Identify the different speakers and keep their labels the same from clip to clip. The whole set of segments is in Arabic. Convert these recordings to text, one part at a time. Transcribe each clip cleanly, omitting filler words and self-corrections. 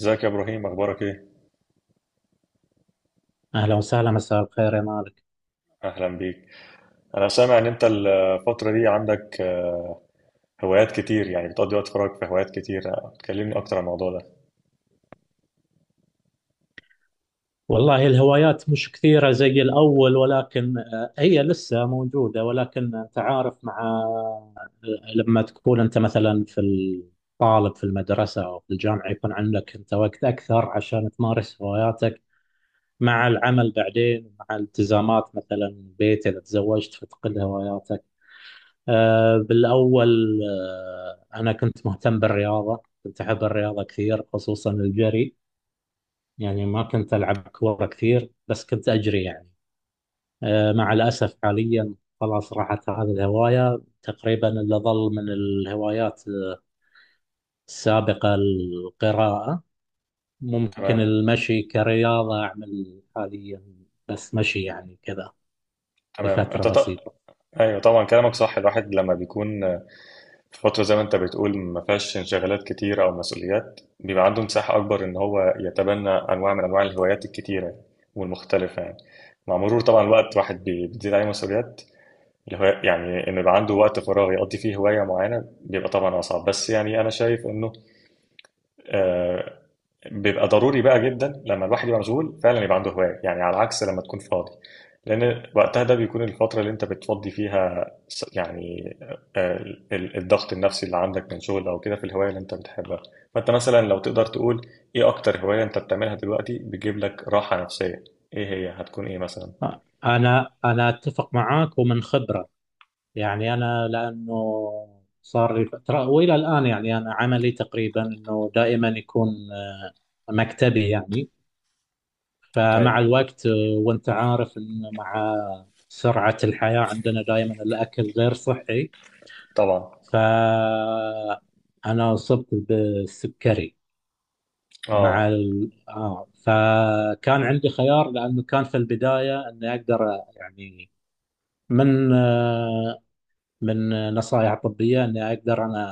Speaker 1: ازيك يا ابراهيم، اخبارك ايه؟
Speaker 2: أهلا وسهلا، مساء الخير يا مالك.
Speaker 1: اهلا بيك. انا سامع ان انت الفتره دي عندك هوايات كتير، يعني بتقضي وقت فراغك في هوايات كتير. تكلمني اكتر عن الموضوع ده.
Speaker 2: والله الهوايات مش كثيرة زي الأول، ولكن هي لسه موجودة. ولكن أنت عارف، مع لما تكون أنت مثلا في الطالب في المدرسة أو في الجامعة يكون عندك أنت وقت أكثر عشان تمارس هواياتك مع العمل، بعدين مع التزامات مثلا البيت إذا تزوجت فتقل هواياتك. بالأول أنا كنت مهتم بالرياضة، كنت أحب الرياضة كثير، خصوصا الجري. يعني ما كنت ألعب كورة كثير بس كنت أجري يعني. مع الأسف حاليا خلاص راحت هذه الهواية تقريبا. اللي ظل من الهوايات السابقة القراءة، ممكن
Speaker 1: تمام
Speaker 2: المشي كرياضة أعمل حاليا بس مشي يعني كذا
Speaker 1: تمام.
Speaker 2: لفترة بسيطة.
Speaker 1: ايوه طبعا، كلامك صح. الواحد لما بيكون في فتره زي ما انت بتقول، ما فيهاش انشغالات كتير او مسؤوليات، بيبقى عنده مساحه اكبر ان هو يتبنى انواع من انواع الهوايات الكتيره والمختلفه يعني. مع مرور طبعا الوقت، الواحد بتزيد عليه مسؤوليات الهواية، يعني إنه يبقى عنده وقت فراغ يقضي فيه هواية معينة بيبقى طبعا أصعب. بس يعني أنا شايف إنه آه، بيبقى ضروري بقى جدا لما الواحد يبقى مشغول فعلا يبقى عنده هواية، يعني على عكس لما تكون فاضي. لأن وقتها ده بيكون الفترة اللي أنت بتفضي فيها يعني الضغط النفسي اللي عندك من شغل أو كده في الهواية اللي أنت بتحبها. فأنت مثلا لو تقدر تقول إيه أكتر هواية أنت بتعملها دلوقتي بتجيب لك راحة نفسية، إيه هي هتكون إيه مثلا؟
Speaker 2: أنا أتفق معاك ومن خبرة يعني. أنا لأنه صار لي فترة وإلى الآن يعني أنا عملي تقريبا أنه دائما يكون مكتبي يعني. فمع
Speaker 1: أيوة.
Speaker 2: الوقت وانت عارف ان مع سرعة الحياة عندنا دائما الاكل غير صحي،
Speaker 1: طبعا.
Speaker 2: فانا اصبت بالسكري. مع
Speaker 1: آه.
Speaker 2: ال... آه فكان عندي خيار لانه كان في البداية اني اقدر، يعني من من نصائح طبية اني اقدر انا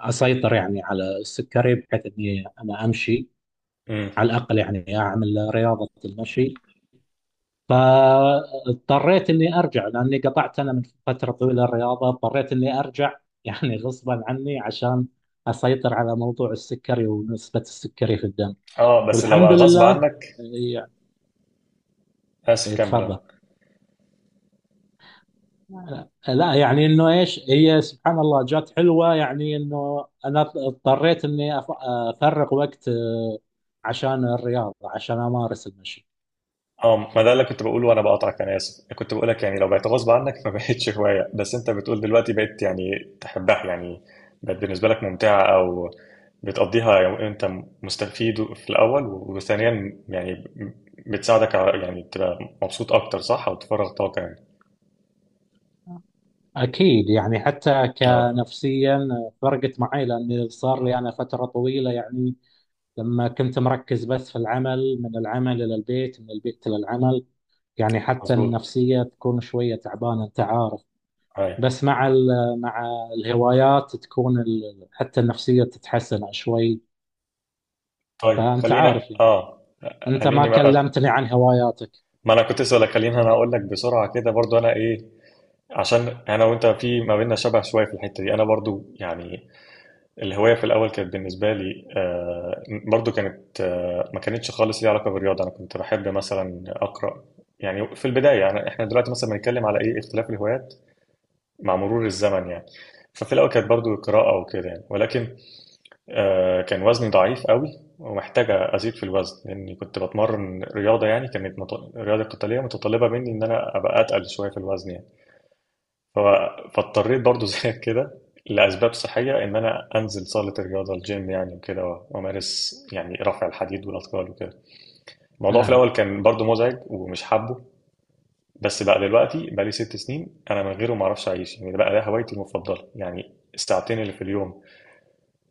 Speaker 2: اسيطر يعني على السكري بحيث اني امشي
Speaker 1: امم.
Speaker 2: على الاقل، يعني اعمل رياضة المشي. فاضطريت اني ارجع لاني قطعت انا من فتره طويله الرياضه، اضطريت اني ارجع يعني غصبا عني عشان اسيطر على موضوع السكري ونسبه السكري في الدم،
Speaker 1: اه، بس لو بقى
Speaker 2: والحمد
Speaker 1: غصب
Speaker 2: لله
Speaker 1: عنك.
Speaker 2: يعني.
Speaker 1: اسف، كمل. اه.
Speaker 2: تفضل. لا يعني انه ايش هي، سبحان الله جات حلوه، يعني انه انا اضطريت افرغ وقت عشان الرياضه عشان امارس المشي.
Speaker 1: اه، ما ده اللي كنت بقوله وانا بقاطعك، انا اسف. كنت بقولك يعني لو بقت غصب عنك ما بقتش هوايه، بس انت بتقول دلوقتي بقيت يعني تحبها يعني. بقت بالنسبه لك ممتعه، او بتقضيها يعني. انت مستفيد في الاول، وثانيا يعني بتساعدك على يعني تبقى مبسوط اكتر، صح؟ او تفرغ طاقه يعني.
Speaker 2: أكيد يعني، حتى
Speaker 1: اه،
Speaker 2: كنفسيا فرقت معي، لأن صار لي أنا فترة طويلة يعني لما كنت مركز بس في العمل، من العمل إلى البيت من البيت إلى العمل، يعني حتى
Speaker 1: مظبوط.
Speaker 2: النفسية تكون شوية تعبانة، أنت عارف.
Speaker 1: ايوه.
Speaker 2: بس مع الهوايات تكون حتى النفسية تتحسن شوي.
Speaker 1: طيب،
Speaker 2: فأنت
Speaker 1: خلينا.
Speaker 2: عارف يعني،
Speaker 1: اه
Speaker 2: أنت ما
Speaker 1: خليني بقى.
Speaker 2: كلمتني عن هواياتك.
Speaker 1: ما انا كنت اسالك، خليني انا اقول لك بسرعه كده برضو انا ايه، عشان انا وانت في ما بيننا شبه شويه في الحته دي. انا برضو يعني الهوايه في الاول كانت بالنسبه لي، برضو كانت، ما كانتش خالص ليها علاقه بالرياضه. انا كنت بحب مثلا اقرا يعني، في البدايه يعني. احنا دلوقتي مثلا بنتكلم على ايه؟ اختلاف الهوايات مع مرور الزمن يعني. ففي الاول كانت برضو القراءه وكده يعني، ولكن كان وزني ضعيف قوي ومحتاج ازيد في الوزن، لاني كنت بتمرن رياضه يعني. كانت رياضه قتاليه متطلبه مني ان انا ابقى اتقل شويه في الوزن يعني. فاضطريت برضو زيك كده لأسباب صحية، إن أنا أنزل صالة الرياضة الجيم يعني وكده، وأمارس يعني رفع الحديد والأثقال وكده. الموضوع في
Speaker 2: نعم،
Speaker 1: الأول كان برضو مزعج ومش حابه، بس بقى دلوقتي بقى لي ست سنين أنا من غيره ما أعرفش أعيش يعني. ده بقى ده هوايتي المفضلة يعني. الساعتين اللي في اليوم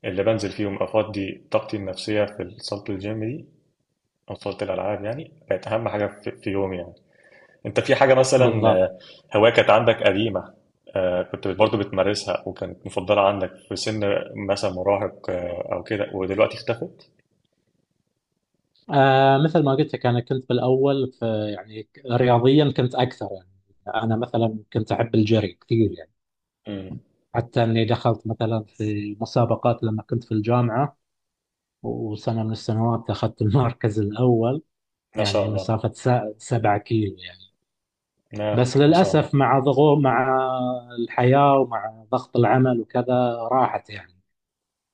Speaker 1: اللي بنزل فيهم أفضي طاقتي النفسية في صالة الجيم دي أو صالة الألعاب، يعني بقت أهم حاجة في في يومي يعني. انت في حاجة مثلا
Speaker 2: بالضبط.
Speaker 1: هواية كانت عندك قديمة، كنت برضه بتمارسها وكانت مفضلة عندك في سن مثلا مراهق او كده، ودلوقتي اختفت؟
Speaker 2: آه مثل ما قلت لك انا كنت بالاول في يعني، رياضيا كنت اكثر يعني. انا مثلا كنت احب الجري كثير يعني،
Speaker 1: امم.
Speaker 2: حتى اني دخلت مثلا في مسابقات لما كنت في الجامعه، وسنه من السنوات اخذت المركز الاول،
Speaker 1: ما شاء
Speaker 2: يعني
Speaker 1: الله.
Speaker 2: 7 كيلو يعني.
Speaker 1: آه،
Speaker 2: بس
Speaker 1: ما شاء الله.
Speaker 2: للاسف مع ضغوط مع الحياه ومع ضغط العمل وكذا راحت يعني،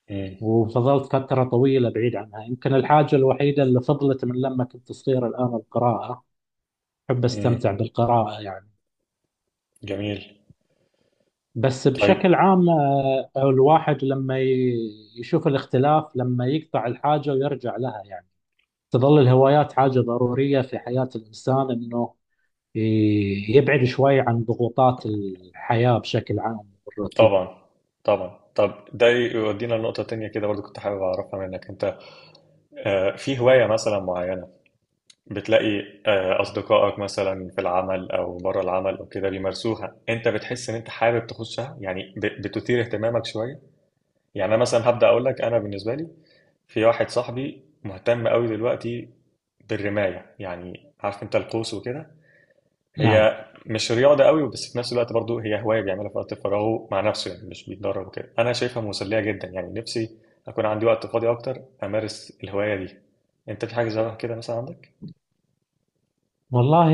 Speaker 1: امم.
Speaker 2: وفضلت فتره طويله بعيد عنها. يمكن الحاجه الوحيده اللي فضلت من لما كنت صغير الان القراءه، أحب
Speaker 1: امم.
Speaker 2: أستمتع بالقراءة يعني.
Speaker 1: جميل.
Speaker 2: بس
Speaker 1: طيب.
Speaker 2: بشكل عام الواحد لما يشوف الاختلاف لما يقطع الحاجة ويرجع لها يعني، تظل الهوايات حاجة ضرورية في حياة الإنسان، إنه يبعد شوي عن ضغوطات الحياة بشكل عام والروتين.
Speaker 1: طبعا. طبعا طب ده يودينا لنقطة تانية كده برضه، كنت حابب أعرفها منك أنت. في هواية مثلا معينة بتلاقي أصدقائك مثلا في العمل أو بره العمل أو كده بيمارسوها، أنت بتحس إن أنت حابب تخشها يعني، بتثير اهتمامك شوية؟ يعني أنا مثلا هبدأ أقول لك، أنا بالنسبة لي في واحد صاحبي مهتم قوي دلوقتي بالرماية، يعني عارف أنت القوس وكده.
Speaker 2: نعم،
Speaker 1: هي مش رياضة قوي بس في نفس الوقت برضو هي هواية بيعملها في وقت فراغه مع نفسه، يعني مش بيتدرب وكده. أنا شايفها مسلية جدا يعني، نفسي أكون عندي وقت فاضي أكتر أمارس الهواية دي. أنت في حاجة زي كده مثلا
Speaker 2: والله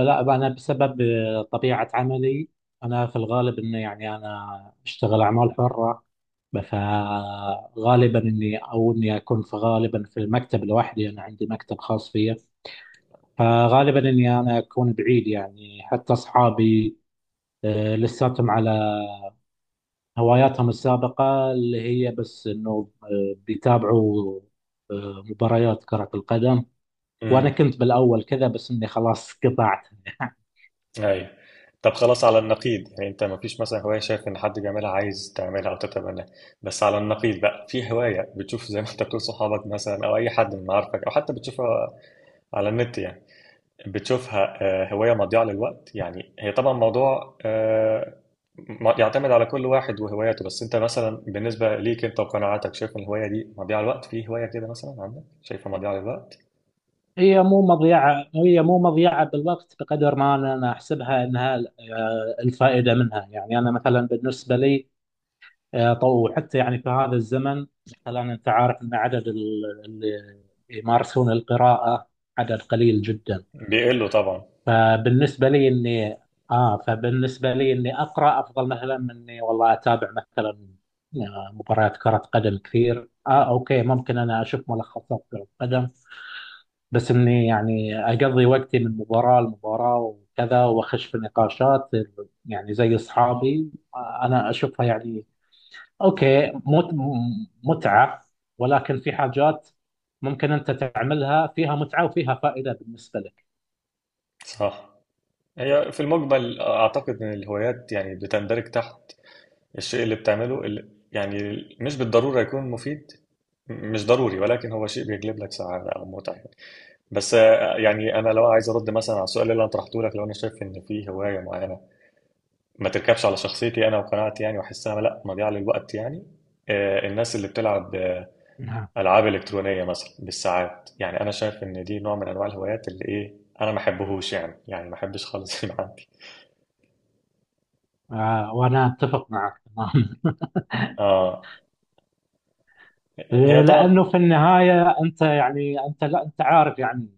Speaker 2: لا أنا بسبب طبيعة عملي، أنا في الغالب إنه يعني أنا أشتغل أعمال حرة. فغالبا اني اكون في غالبا في المكتب لوحدي، انا عندي مكتب خاص فيا. فغالبا اني اكون بعيد يعني، حتى اصحابي لساتهم على هواياتهم السابقة اللي هي بس انه بيتابعوا مباريات كرة القدم، وانا
Speaker 1: عندك؟
Speaker 2: كنت بالاول كذا بس اني خلاص قطعت.
Speaker 1: ايوه. طب خلاص، على النقيض يعني. انت ما فيش مثلا هوايه شايف ان حد بيعملها عايز تعملها او تتبناها، بس على النقيض بقى، في هوايه بتشوف زي ما انت بتقول صحابك مثلا او اي حد من معارفك، او حتى بتشوفها على النت يعني، بتشوفها هوايه مضيعه للوقت يعني؟ هي طبعا موضوع، يعتمد على كل واحد وهواياته، بس انت مثلا بالنسبه ليك انت وقناعاتك شايف ان الهوايه دي مضيعه للوقت؟ في هوايه كده مثلا عندك شايفها مضيعه للوقت؟
Speaker 2: هي مو مضيعة بالوقت بقدر ما أنا أحسبها أنها الفائدة منها يعني. أنا مثلا بالنسبة لي، وحتى يعني في هذا الزمن مثلا انت عارف ان عدد اللي يمارسون القراءة عدد قليل جدا.
Speaker 1: بيقلوا طبعا.
Speaker 2: فبالنسبة لي اني اه فبالنسبة لي اني اقرا افضل مثلا من اني والله اتابع مثلا مباريات كرة قدم كثير. اه اوكي، ممكن انا اشوف ملخصات كرة قدم بس اني يعني اقضي وقتي من مباراة لمباراة وكذا واخش في نقاشات يعني زي اصحابي. انا اشوفها يعني اوكي متعة، ولكن في حاجات ممكن انت تعملها فيها متعة وفيها فائدة بالنسبة لك.
Speaker 1: صح. هي في المجمل أعتقد إن الهوايات يعني بتندرج تحت الشيء اللي بتعمله، اللي يعني مش بالضرورة يكون مفيد، مش ضروري، ولكن هو شيء بيجلب لك سعادة أو متعة يعني. بس يعني أنا لو عايز أرد مثلا على السؤال اللي أنا طرحته لك، لو أنا شايف إن في هواية معينة ما تركبش على شخصيتي أنا وقناعتي يعني، وأحسها لأ، مضيعة للوقت يعني. الناس اللي بتلعب
Speaker 2: نعم.
Speaker 1: ألعاب إلكترونية مثلا بالساعات، يعني أنا شايف إن دي نوع من أنواع الهوايات اللي إيه، أنا ما أحبهوش يعني ما أحبش خالص يبقى عندي.
Speaker 2: آه وانا اتفق معك تمام.
Speaker 1: اه. هي طبعا.
Speaker 2: لانه في النهاية انت يعني، انت لا، انت عارف يعني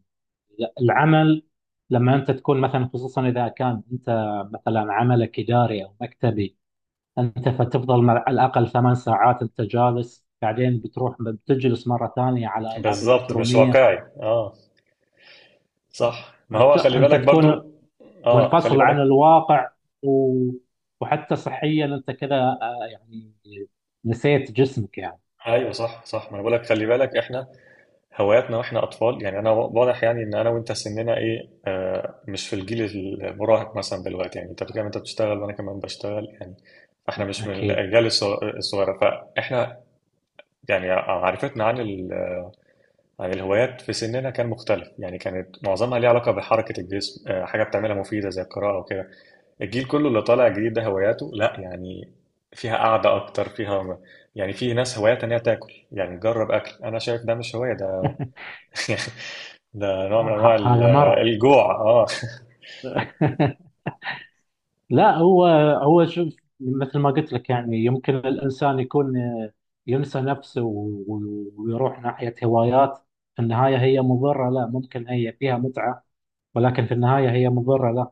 Speaker 2: العمل لما انت تكون مثلا، خصوصا اذا كان انت مثلا عملك اداري او مكتبي، انت فتفضل على الاقل 8 ساعات انت جالس، بعدين بتروح بتجلس مرة ثانية على العاب
Speaker 1: بالظبط، مش
Speaker 2: الكترونية.
Speaker 1: واقعي. اه، صح. ما
Speaker 2: انت
Speaker 1: هو خلي
Speaker 2: انت
Speaker 1: بالك
Speaker 2: تكون
Speaker 1: برضو. اه خلي
Speaker 2: منفصل عن
Speaker 1: بالك.
Speaker 2: الواقع و... وحتى صحيا انت كذا يعني نسيت جسمك يعني.
Speaker 1: ايوه، صح صح. ما انا بقول لك خلي بالك، احنا هواياتنا واحنا اطفال يعني، انا واضح يعني ان انا وانت سننا ايه، مش في الجيل المراهق مثلا دلوقتي يعني. انت بتتكلم، انت بتشتغل، وانا كمان بشتغل يعني. احنا مش من
Speaker 2: اكيد.
Speaker 1: الاجيال الصغيره، فاحنا يعني معرفتنا عن عن الهوايات في سننا كان مختلف يعني. كانت معظمها ليها علاقه بحركه الجسم، حاجه بتعملها مفيده زي القراءه وكده. الجيل كله اللي طالع جديد ده هواياته لا، يعني فيها قعدة أكتر، فيها يعني، في ناس هواياتها إن هي تاكل، يعني تجرب أكل. أنا شايف ده مش هواية ده. ده نوع من أنواع
Speaker 2: هذا مرض.
Speaker 1: الجوع. أه.
Speaker 2: لا، هو هو شوف مثل ما قلت لك، يعني يمكن الانسان يكون ينسى نفسه ويروح ناحية هوايات في النهاية هي مضرة. لا ممكن هي فيها متعة، ولكن في النهاية هي مضرة. لا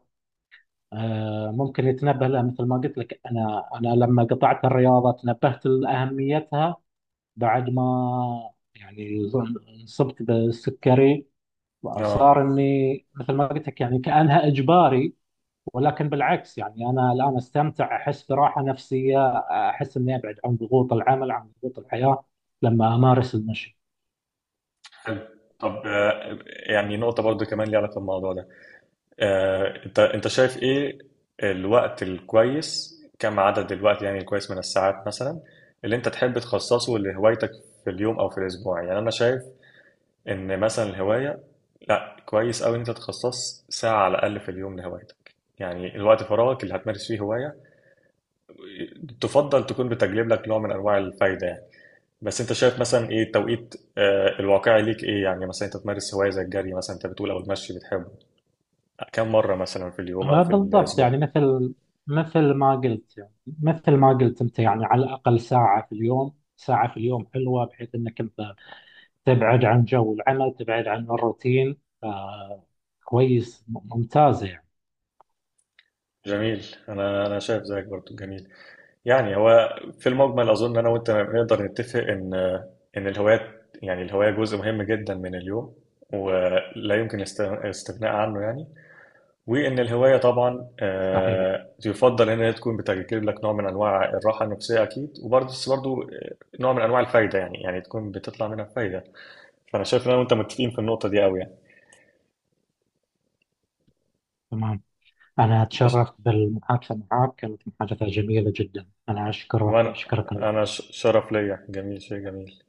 Speaker 2: ممكن يتنبه لها. مثل ما قلت لك، انا لما قطعت الرياضة تنبهت لأهميتها بعد ما يعني انصبت بالسكري.
Speaker 1: أه.
Speaker 2: صار اني مثل ما قلت لك يعني كانها اجباري، ولكن بالعكس يعني انا الان استمتع، احس براحه نفسيه، احس اني ابعد عن ضغوط العمل عن ضغوط الحياه لما امارس المشي.
Speaker 1: حلو. طب يعني نقطة برضو كمان ليها علاقة بالموضوع ده. أنت شايف إيه الوقت الكويس، كم عدد الوقت يعني الكويس من الساعات مثلا اللي أنت تحب تخصصه لهوايتك في اليوم أو في الأسبوع؟ يعني أنا شايف ان مثلا الهوايه، لا كويس قوي ان انت تخصص ساعه على الاقل في اليوم لهوايتك، يعني الوقت فراغك اللي هتمارس فيه هوايه تفضل تكون بتجلب لك نوع من انواع الفايده يعني. بس انت شايف مثلا ايه التوقيت الواقعي ليك ايه يعني؟ مثلا انت تمارس هوايه زي الجري مثلا انت بتقول، او المشي بتحبه، كم مره مثلا في اليوم او في
Speaker 2: بالضبط يعني،
Speaker 1: الاسبوع؟
Speaker 2: مثل ما قلت يعني مثل ما قلت انت يعني على الاقل ساعه في اليوم، ساعه في اليوم حلوه بحيث انك انت تبعد عن جو العمل تبعد عن الروتين. آه، كويس ممتازه.
Speaker 1: جميل. انا شايف زيك برضو، جميل يعني. هو في المجمل اظن انا وانت نقدر نتفق ان الهوايات، يعني الهوايه جزء مهم جدا من اليوم ولا يمكن الاستغناء عنه يعني. وان الهوايه طبعا
Speaker 2: صحيح،
Speaker 1: يفضل ان هي تكون بتجلب لك نوع من انواع الراحه النفسيه اكيد، وبرضه بس برضه نوع من انواع الفايده يعني، يعني تكون بتطلع منها فايده. فانا شايف ان انا وانت متفقين في النقطه دي قوي يعني.
Speaker 2: تمام. أنا أتشرف بالمحادثة معك، كانت محادثة جميلة جدا، أنا أشكرك
Speaker 1: وانا
Speaker 2: أشكرك الوقت.
Speaker 1: شرف ليا، جميل، شيء جميل.